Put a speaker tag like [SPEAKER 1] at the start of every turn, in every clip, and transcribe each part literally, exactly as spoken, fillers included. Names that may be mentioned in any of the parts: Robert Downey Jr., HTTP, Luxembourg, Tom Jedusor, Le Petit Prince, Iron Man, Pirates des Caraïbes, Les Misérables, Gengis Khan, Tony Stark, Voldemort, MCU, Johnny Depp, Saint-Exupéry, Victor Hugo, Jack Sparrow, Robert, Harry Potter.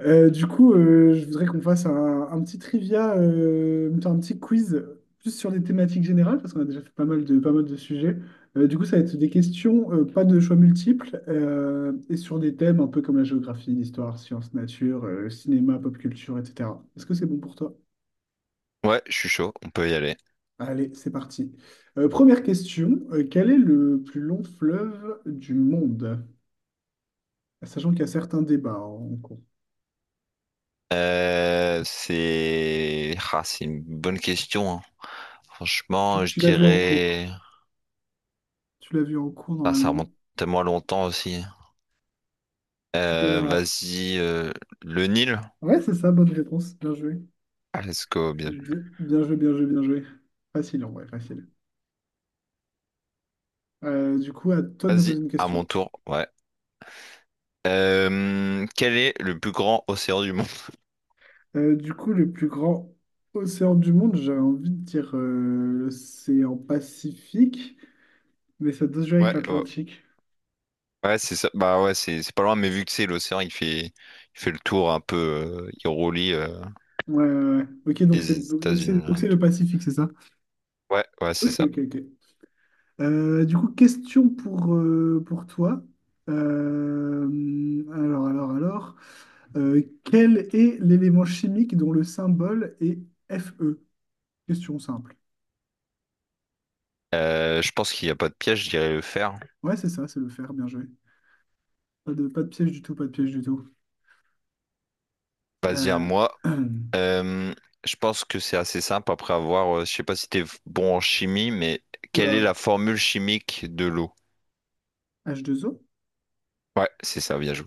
[SPEAKER 1] Euh, du coup, euh, je voudrais qu'on fasse un, un petit trivia, euh, plutôt un petit quiz, plus sur des thématiques générales, parce qu'on a déjà fait pas mal de, pas mal de sujets. Euh, du coup, ça va être des questions, euh, pas de choix multiples, euh, et sur des thèmes un peu comme la géographie, l'histoire, sciences, nature, euh, cinéma, pop culture, et cetera. Est-ce que c'est bon pour toi?
[SPEAKER 2] Ouais, je suis chaud, on peut y aller.
[SPEAKER 1] Allez, c'est parti. Euh, première question, euh, quel est le plus long fleuve du monde? Sachant qu'il y a certains débats en cours.
[SPEAKER 2] Euh, c'est ah, c'est une bonne question, hein.
[SPEAKER 1] Tu,
[SPEAKER 2] Franchement, je
[SPEAKER 1] tu l'as vu en cours.
[SPEAKER 2] dirais
[SPEAKER 1] Tu l'as vu en cours
[SPEAKER 2] ah, ça
[SPEAKER 1] normalement.
[SPEAKER 2] remonte tellement longtemps aussi.
[SPEAKER 1] Tu peux
[SPEAKER 2] Euh,
[SPEAKER 1] l'avoir.
[SPEAKER 2] vas-y, euh, le Nil.
[SPEAKER 1] Ouais, c'est ça, bonne réponse. Bien joué.
[SPEAKER 2] Ah, let's go, bien vu.
[SPEAKER 1] Bien, bien joué, bien joué, bien joué. Facile, en vrai, facile. Euh, du coup, à toi de me poser
[SPEAKER 2] Vas-y,
[SPEAKER 1] une
[SPEAKER 2] à
[SPEAKER 1] question.
[SPEAKER 2] mon tour. Ouais. Euh, quel est le plus grand océan du monde?
[SPEAKER 1] Euh, du coup, le plus grand océan du monde, j'avais envie de dire euh, l'océan Pacifique, mais ça doit se jouer avec
[SPEAKER 2] Ouais, ouais,
[SPEAKER 1] l'Atlantique.
[SPEAKER 2] ouais, c'est ça. Bah ouais, c'est c'est pas loin, mais vu que c'est l'océan, il fait il fait le tour un peu, euh, il relie euh,
[SPEAKER 1] Ouais, ouais, ouais. Ok, donc
[SPEAKER 2] les
[SPEAKER 1] c'est donc, donc c'est
[SPEAKER 2] États-Unis
[SPEAKER 1] donc
[SPEAKER 2] et
[SPEAKER 1] c'est le
[SPEAKER 2] tout.
[SPEAKER 1] Pacifique, c'est ça?
[SPEAKER 2] Ouais, ouais, c'est
[SPEAKER 1] Ok,
[SPEAKER 2] ça.
[SPEAKER 1] ok, ok. Euh, du coup, question pour, euh, pour toi. Euh, alors, alors, alors. Euh, quel est l'élément chimique dont le symbole est Fe? Question simple.
[SPEAKER 2] Euh, je pense qu'il n'y a pas de piège, je dirais le fer.
[SPEAKER 1] Ouais, c'est ça, c'est le fer, bien joué. Pas de, pas de piège du tout, pas de piège du tout.
[SPEAKER 2] Vas-y à
[SPEAKER 1] Euh,
[SPEAKER 2] moi. Euh, je pense que c'est assez simple après avoir, euh, je sais pas si t'es bon en chimie, mais quelle est
[SPEAKER 1] Oula,
[SPEAKER 2] la formule chimique de l'eau?
[SPEAKER 1] H deux O?
[SPEAKER 2] Ouais, c'est ça, bien joué.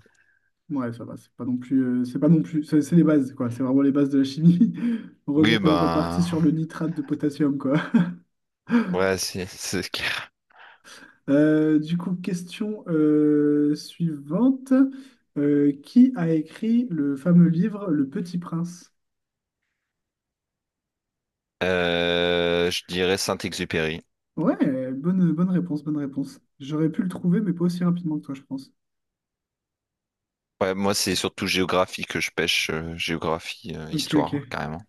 [SPEAKER 1] Ouais, ça va, c'est pas non plus, euh, c'est pas non plus, c'est c'est les bases, quoi. C'est vraiment les bases de la chimie. Heureusement
[SPEAKER 2] Oui,
[SPEAKER 1] qu'on n'est pas parti
[SPEAKER 2] ben,
[SPEAKER 1] sur le nitrate de potassium, quoi.
[SPEAKER 2] ouais, c'est c'est clair.
[SPEAKER 1] Euh, du coup, question euh, suivante. Euh, qui a écrit le fameux livre Le Petit Prince?
[SPEAKER 2] Euh, je dirais Saint-Exupéry.
[SPEAKER 1] Ouais, euh, bonne, bonne réponse, bonne réponse. J'aurais pu le trouver, mais pas aussi rapidement que toi, je pense.
[SPEAKER 2] Ouais, moi, c'est surtout géographie que je pêche, euh, géographie, euh,
[SPEAKER 1] Ok, ok.
[SPEAKER 2] histoire, carrément.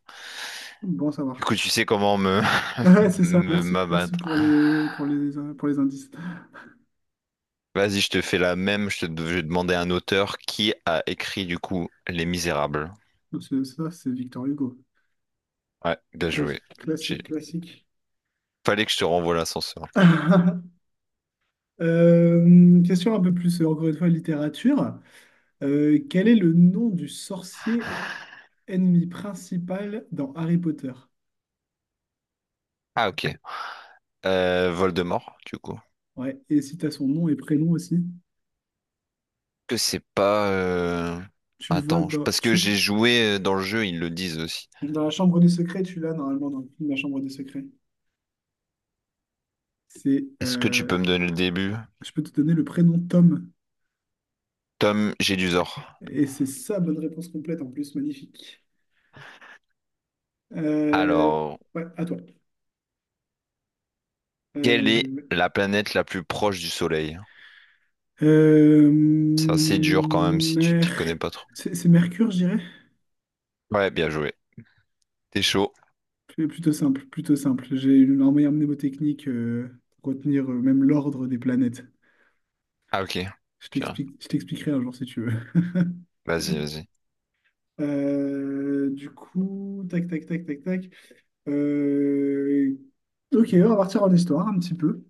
[SPEAKER 1] Bon à
[SPEAKER 2] Du
[SPEAKER 1] savoir.
[SPEAKER 2] coup, tu sais comment me
[SPEAKER 1] Ouais, c'est ça.
[SPEAKER 2] me-
[SPEAKER 1] Merci, merci
[SPEAKER 2] m'abattre.
[SPEAKER 1] pour les, pour les, pour les indices.
[SPEAKER 2] Vas-y, je te fais la même. Je te je vais demander à un auteur qui a écrit du coup Les Misérables.
[SPEAKER 1] Donc, c'est- Ça, c'est Victor Hugo.
[SPEAKER 2] Ouais, bien
[SPEAKER 1] Clas-
[SPEAKER 2] joué.
[SPEAKER 1] classique,
[SPEAKER 2] J'ai-
[SPEAKER 1] classique.
[SPEAKER 2] Fallait que je te renvoie l'ascenseur.
[SPEAKER 1] Euh, question un peu plus, euh, encore une fois, littérature. Euh, quel est le nom du sorcier ennemi principal dans Harry Potter?
[SPEAKER 2] Ah ok. Euh, Voldemort, du coup.
[SPEAKER 1] Ouais, et si tu as son nom et prénom aussi,
[SPEAKER 2] Que c'est pas. Euh,
[SPEAKER 1] tu le vois
[SPEAKER 2] Attends, je-
[SPEAKER 1] dans,
[SPEAKER 2] parce que
[SPEAKER 1] tu,
[SPEAKER 2] j'ai joué euh, dans le jeu, ils le disent aussi.
[SPEAKER 1] dans la chambre des secrets, tu l'as normalement dans le film La chambre des secrets. C'est,
[SPEAKER 2] Est-ce que tu
[SPEAKER 1] euh,
[SPEAKER 2] peux me donner le début?
[SPEAKER 1] je peux te donner le prénom Tom.
[SPEAKER 2] Tom Jedusor.
[SPEAKER 1] Et c'est ça, bonne réponse complète en plus, magnifique. Euh,
[SPEAKER 2] Alors,
[SPEAKER 1] ouais, à toi.
[SPEAKER 2] quelle est
[SPEAKER 1] Euh,
[SPEAKER 2] la planète la plus proche du Soleil?
[SPEAKER 1] euh,
[SPEAKER 2] C'est assez dur quand même si tu t'y
[SPEAKER 1] Mer-
[SPEAKER 2] connais pas trop.
[SPEAKER 1] C'est c'est Mercure, je dirais.
[SPEAKER 2] Ouais, bien joué. T'es chaud.
[SPEAKER 1] Plus- Plutôt simple, plutôt simple. J'ai une en meilleure mnémotechnique, euh, pour retenir, euh, même l'ordre des planètes.
[SPEAKER 2] Ah ok.
[SPEAKER 1] Je
[SPEAKER 2] Tiens,
[SPEAKER 1] t'explique, je t'expliquerai un jour si tu veux.
[SPEAKER 2] vas-y, vas-y.
[SPEAKER 1] Euh, du coup, tac, tac, tac, tac, tac. Euh, Ok, on va partir en histoire un petit peu.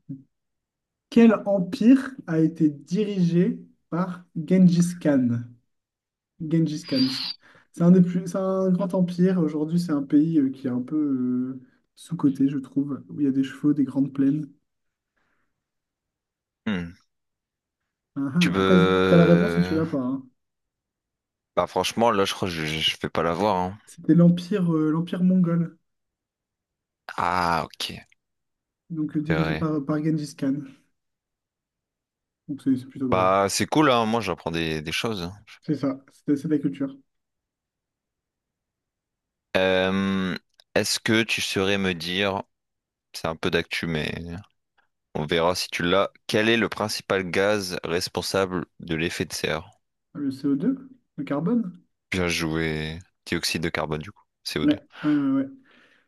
[SPEAKER 1] Quel empire a été dirigé par Gengis Khan? Gengis Khan, c'est c'est un des plus, c'est un grand empire. Aujourd'hui, c'est un pays, euh, qui est un peu, euh, sous-coté, je trouve, où il y a des chevaux, des grandes plaines.
[SPEAKER 2] Hmm.
[SPEAKER 1] Ah,
[SPEAKER 2] Tu
[SPEAKER 1] ah. Après, tu as la réponse ou tu
[SPEAKER 2] peux...
[SPEAKER 1] l'as pas, hein.
[SPEAKER 2] Bah franchement, là je crois que je, je je vais pas l'avoir, hein.
[SPEAKER 1] C'était l'empire euh, l'empire mongol,
[SPEAKER 2] Ah ok,
[SPEAKER 1] donc euh,
[SPEAKER 2] c'est
[SPEAKER 1] dirigé
[SPEAKER 2] vrai.
[SPEAKER 1] par, par Gengis Khan. Donc c'est c'est plutôt drôle.
[SPEAKER 2] Bah c'est cool, hein. Moi j'apprends des, des choses.
[SPEAKER 1] C'est ça, c'est c'est de la culture.
[SPEAKER 2] Euh, est-ce que tu saurais me dire, c'est un peu d'actu mais on verra si tu l'as, quel est le principal gaz responsable de l'effet de serre?
[SPEAKER 1] Ah, le C O deux, le carbone?
[SPEAKER 2] Bien joué. Dioxyde de carbone du coup, C O deux.
[SPEAKER 1] Ouais, ouais, ouais, ouais.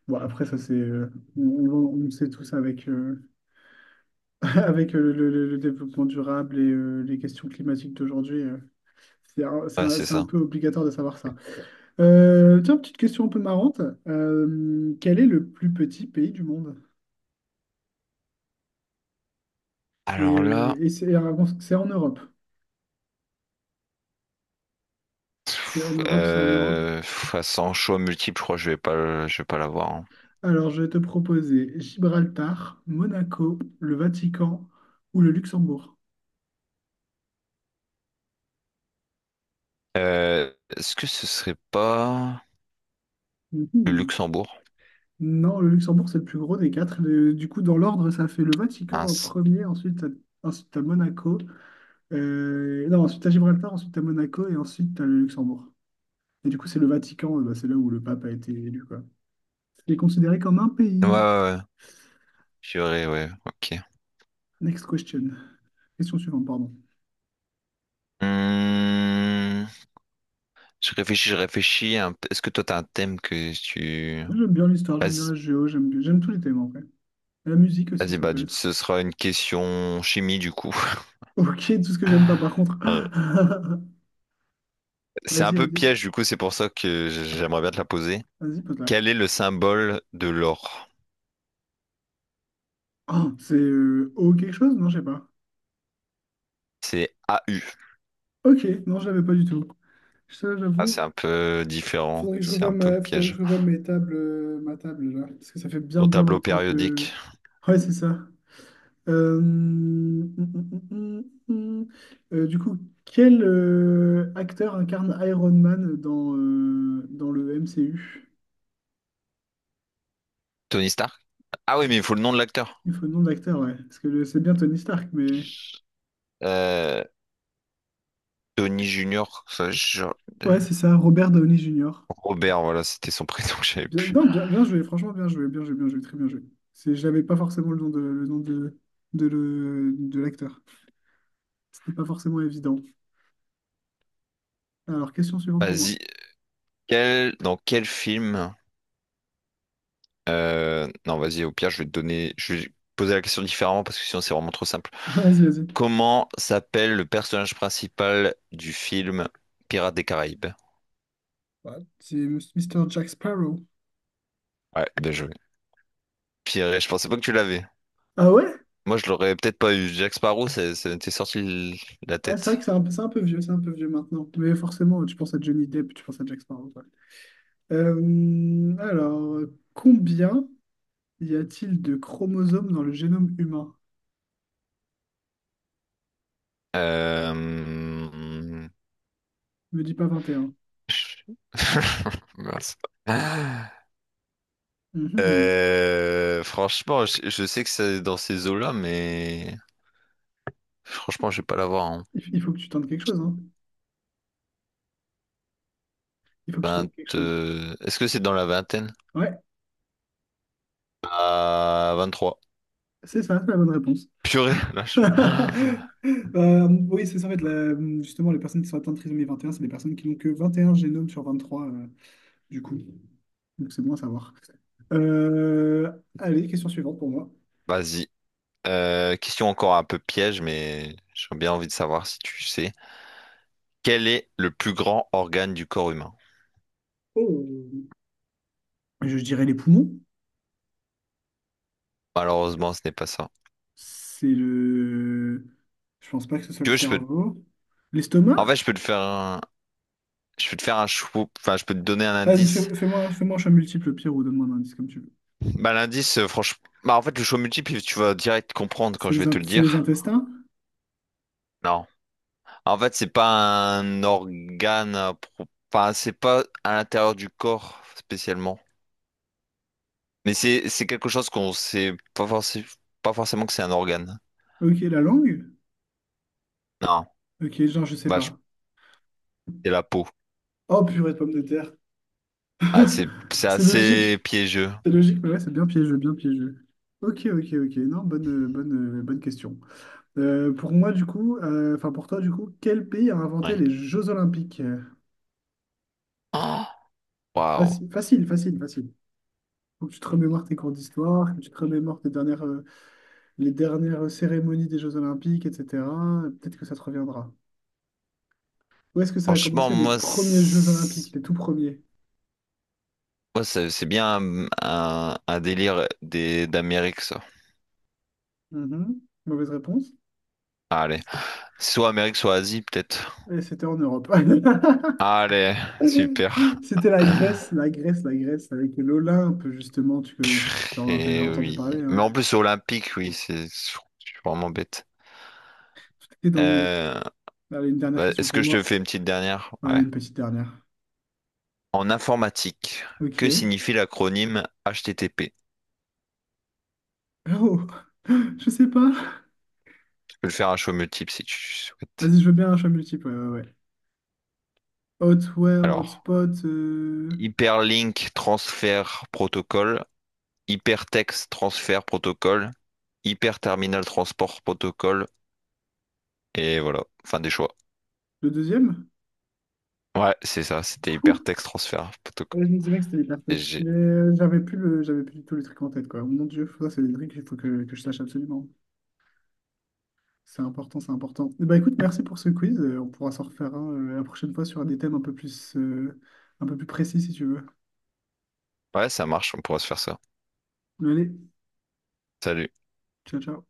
[SPEAKER 1] Bon, après, ça, c'est. Euh, on, on- on le sait tous avec, euh, avec, euh, le, le- le développement durable et, euh, les questions climatiques d'aujourd'hui. Euh, c'est un, c'est
[SPEAKER 2] Ouais
[SPEAKER 1] un-
[SPEAKER 2] c'est
[SPEAKER 1] c'est un
[SPEAKER 2] ça.
[SPEAKER 1] peu obligatoire de savoir ça. Euh, tiens, petite question un peu marrante. Euh, quel est le plus petit pays du monde? Et,
[SPEAKER 2] Alors
[SPEAKER 1] euh,
[SPEAKER 2] là,
[SPEAKER 1] et c'est alors, c'est en Europe. C'est en Europe, c'est en Europe.
[SPEAKER 2] euh, pff, sans choix multiple, je crois que je vais pas, le- je vais pas l'avoir, hein.
[SPEAKER 1] Alors, je vais te proposer Gibraltar, Monaco, le Vatican ou le Luxembourg.
[SPEAKER 2] Euh, est-ce que ce serait pas le
[SPEAKER 1] Mhm.
[SPEAKER 2] Luxembourg?
[SPEAKER 1] Non, le Luxembourg, c'est le plus gros des quatre. Le- du coup, dans l'ordre, ça fait le Vatican en
[SPEAKER 2] Mince.
[SPEAKER 1] premier, ensuite, t'as- ensuite t'as Monaco, Euh, non, ensuite à Gibraltar, ensuite à Monaco et ensuite à le Luxembourg. Et du coup, c'est le Vatican, euh, bah, c'est là où le pape a été élu, quoi. Il est considéré comme un
[SPEAKER 2] Ouais, ouais,
[SPEAKER 1] pays.
[SPEAKER 2] ouais. Purée, ouais, ok.
[SPEAKER 1] Next question. Question suivante, pardon.
[SPEAKER 2] Hum, je réfléchis, je réfléchis un peu. Est-ce que toi, t'as un thème que tu...
[SPEAKER 1] Moi, j'aime bien l'histoire, j'aime bien
[SPEAKER 2] Vas-y,
[SPEAKER 1] la géo, j'aime bien- j'aime tous les thèmes en vrai. La musique aussi,
[SPEAKER 2] vas-y,
[SPEAKER 1] ça
[SPEAKER 2] bah,
[SPEAKER 1] peut
[SPEAKER 2] du-
[SPEAKER 1] être.
[SPEAKER 2] ce sera une question chimie, du coup.
[SPEAKER 1] Ok, tout ce que j'aime pas par contre.
[SPEAKER 2] Euh, c'est un
[SPEAKER 1] Vas-y,
[SPEAKER 2] peu
[SPEAKER 1] vas-y,
[SPEAKER 2] piège, du coup, c'est pour ça que j- j'aimerais bien te la poser.
[SPEAKER 1] vas-y, pose-la.
[SPEAKER 2] Quel est le symbole de l'or?
[SPEAKER 1] Oh, c'est euh, O quelque chose? Non, je sais pas.
[SPEAKER 2] C'est A U.
[SPEAKER 1] Ok, non, je l'avais pas du tout. Ça,
[SPEAKER 2] Ah, c'est
[SPEAKER 1] j'avoue,
[SPEAKER 2] un peu différent,
[SPEAKER 1] Faudrait que je
[SPEAKER 2] c'est
[SPEAKER 1] revoie
[SPEAKER 2] un peu
[SPEAKER 1] ma, faudrait que
[SPEAKER 2] piège.
[SPEAKER 1] je revoie mes tables, euh, ma table là, parce que ça fait bien
[SPEAKER 2] Ton
[SPEAKER 1] bien
[SPEAKER 2] tableau
[SPEAKER 1] longtemps que.
[SPEAKER 2] périodique.
[SPEAKER 1] Ouais, c'est ça. Euh, hum, hum, hum, hum, hum. Euh, du coup, quel euh, acteur incarne Iron Man dans, euh, dans le M C U?
[SPEAKER 2] Tony Stark? Ah oui, mais il faut le nom de l'acteur.
[SPEAKER 1] Il faut le nom d'acteur, ouais. Parce que le- c'est bien Tony Stark, mais.
[SPEAKER 2] Euh, Tony Junior, ça, je-
[SPEAKER 1] Ouais, c'est ça, Robert Downey junior
[SPEAKER 2] Robert, voilà, c'était son prénom que j'avais
[SPEAKER 1] Bien,
[SPEAKER 2] plus.
[SPEAKER 1] non, bien, bien joué, franchement, bien joué, bien joué, bien joué, très bien joué. C'est, j'avais pas forcément le nom de, le nom de, de, le- de l'acteur. C'était pas forcément évident. Alors, question suivante pour moi.
[SPEAKER 2] Vas-y, quel, dans quel film... euh, non, vas-y, au pire, je vais te donner... Je vais poser la question différemment parce que sinon c'est vraiment trop simple.
[SPEAKER 1] Vas-y, vas-y.
[SPEAKER 2] Comment s'appelle le personnage principal du film Pirates des Caraïbes?
[SPEAKER 1] Ouais, c'est Mister Jack Sparrow.
[SPEAKER 2] Ouais, bien joué. Piré, je pensais pas que tu l'avais.
[SPEAKER 1] Ah ouais?
[SPEAKER 2] Moi, je l'aurais peut-être pas eu. Jack Sparrow, ça ça m'était sorti de la
[SPEAKER 1] Ah, c'est vrai
[SPEAKER 2] tête.
[SPEAKER 1] que c'est un, peu- c'est un peu vieux, c'est un peu vieux maintenant. Mais forcément, tu penses à Johnny Depp, tu penses à Jack Sparrow, quoi. Euh, alors, combien y a-t-il de chromosomes dans le génome humain?
[SPEAKER 2] Euh...
[SPEAKER 1] Me dis pas vingt et un.
[SPEAKER 2] Mince.
[SPEAKER 1] Mhm.
[SPEAKER 2] Euh, franchement, je, je sais que c'est dans ces eaux-là, mais franchement, je vais pas l'avoir en
[SPEAKER 1] Il, il faut que tu tentes quelque chose, hein. Il faut que tu tentes
[SPEAKER 2] vingt.
[SPEAKER 1] quelque chose.
[SPEAKER 2] euh, Est-ce que c'est dans la vingtaine?
[SPEAKER 1] Ouais,
[SPEAKER 2] À vingt-trois.
[SPEAKER 1] c'est ça, c'est la bonne réponse.
[SPEAKER 2] Purée, là, je-
[SPEAKER 1] Euh, oui, c'est ça, en fait, la- justement, les personnes qui sont atteintes de trisomie vingt et un c'est des personnes qui n'ont que vingt et un génomes sur vingt trois, du coup. Donc c'est bon à savoir. Euh, Allez, question suivante pour moi.
[SPEAKER 2] Vas-y. Euh, question encore un peu piège, mais j'ai bien envie de savoir si tu sais. Quel est le plus grand organe du corps humain?
[SPEAKER 1] Oh. Je dirais les poumons.
[SPEAKER 2] Malheureusement, ce n'est pas ça.
[SPEAKER 1] C'est le... Je pense pas que ce soit
[SPEAKER 2] Tu
[SPEAKER 1] le
[SPEAKER 2] veux, je peux.
[SPEAKER 1] cerveau. L'estomac?
[SPEAKER 2] En fait, je peux te faire un, Je peux te faire un show, enfin, je peux te donner un
[SPEAKER 1] Vas-y,
[SPEAKER 2] indice.
[SPEAKER 1] fais, fais-moi, fais-moi un choix multiple, pire, ou donne-moi un indice comme tu veux.
[SPEAKER 2] Bah, l'indice, euh, franchement, bah, en fait, le show multiple, tu vas direct comprendre quand
[SPEAKER 1] C'est
[SPEAKER 2] je
[SPEAKER 1] les,
[SPEAKER 2] vais te
[SPEAKER 1] in-
[SPEAKER 2] le
[SPEAKER 1] c'est les
[SPEAKER 2] dire.
[SPEAKER 1] intestins?
[SPEAKER 2] Non. En fait, c'est pas un organe, à pro- enfin, c'est pas à l'intérieur du corps spécialement. Mais c'est, c'est quelque chose qu'on sait pas forcément, pas forcément que c'est un organe.
[SPEAKER 1] Ok, la langue?
[SPEAKER 2] Non.
[SPEAKER 1] Ok, genre, je sais
[SPEAKER 2] Bah, je-
[SPEAKER 1] pas.
[SPEAKER 2] c'est la peau.
[SPEAKER 1] Oh, purée de pommes de terre.
[SPEAKER 2] Ah, c'est, c'est
[SPEAKER 1] C'est
[SPEAKER 2] assez
[SPEAKER 1] logique.
[SPEAKER 2] piégeux.
[SPEAKER 1] C'est logique, mais ouais, c'est bien piégeux, bien piégeux. Ok, ok, ok. Non, bonne, euh, bonne, euh, bonne question. Euh, pour moi, du coup, euh, enfin pour toi, du coup, quel pays a inventé
[SPEAKER 2] Oui.
[SPEAKER 1] les Jeux Olympiques?
[SPEAKER 2] Oh, waouh.
[SPEAKER 1] Facile, facile, facile, facile. Faut que tu te remémores tes cours d'histoire, que tu te remémores tes dernières, euh, les dernières cérémonies des Jeux Olympiques, et cetera. Peut-être que ça te reviendra. Où est-ce que ça a
[SPEAKER 2] Franchement,
[SPEAKER 1] commencé les
[SPEAKER 2] moi,
[SPEAKER 1] premiers Jeux Olympiques,
[SPEAKER 2] c'est-
[SPEAKER 1] les tout premiers?
[SPEAKER 2] moi, c'est c'est bien un, un- un délire des d'Amérique, ça.
[SPEAKER 1] Mhm. Mauvaise réponse.
[SPEAKER 2] Allez. Soit Amérique, soit Asie, peut-être.
[SPEAKER 1] Et c'était en Europe.
[SPEAKER 2] Allez, super.
[SPEAKER 1] C'était la Grèce, la Grèce, la Grèce, avec l'Olympe, justement, tu, tu en as
[SPEAKER 2] Et
[SPEAKER 1] entendu
[SPEAKER 2] oui.
[SPEAKER 1] parler,
[SPEAKER 2] Mais
[SPEAKER 1] hein.
[SPEAKER 2] en plus, c'est olympique, oui, c'est je suis vraiment bête.
[SPEAKER 1] Tout était dans le nom.
[SPEAKER 2] Euh,
[SPEAKER 1] Allez, une dernière
[SPEAKER 2] bah,
[SPEAKER 1] question
[SPEAKER 2] est-ce
[SPEAKER 1] pour
[SPEAKER 2] que je te
[SPEAKER 1] moi.
[SPEAKER 2] fais une petite dernière?
[SPEAKER 1] Ouais, allez,
[SPEAKER 2] Ouais.
[SPEAKER 1] une petite dernière.
[SPEAKER 2] En informatique,
[SPEAKER 1] Ok.
[SPEAKER 2] que signifie l'acronyme H T T P?
[SPEAKER 1] Oh, je sais pas.
[SPEAKER 2] Je peux le faire à choix multiple si tu souhaites.
[SPEAKER 1] Vas-y, je veux bien un choix multiple. Ouais, ouais, ouais. Hotware,
[SPEAKER 2] Alors,
[SPEAKER 1] hotspot, euh,
[SPEAKER 2] Hyperlink Transfer Protocol, Hypertext Transfer Protocol, Hyperterminal Transport Protocol, et voilà, fin des choix.
[SPEAKER 1] le deuxième?
[SPEAKER 2] Ouais, c'est ça, c'était
[SPEAKER 1] Pouf.
[SPEAKER 2] hypertexte transfert, poteau, quoi.
[SPEAKER 1] Ouais, je me disais bien que c'était hyper texte.
[SPEAKER 2] S G.
[SPEAKER 1] Mais j'avais plus le, j'avais plus du tout le truc en tête, quoi. Mon Dieu, ça, c'est des trucs qu'il faut que, que je sache absolument. C'est important, c'est important. Eh ben, écoute, merci pour ce quiz. Euh, On pourra s'en refaire un euh, la prochaine fois sur des thèmes un peu plus, euh, un peu plus précis, si tu veux.
[SPEAKER 2] Ouais, ça marche, on pourra se faire ça.
[SPEAKER 1] Allez,
[SPEAKER 2] Salut.
[SPEAKER 1] ciao, ciao.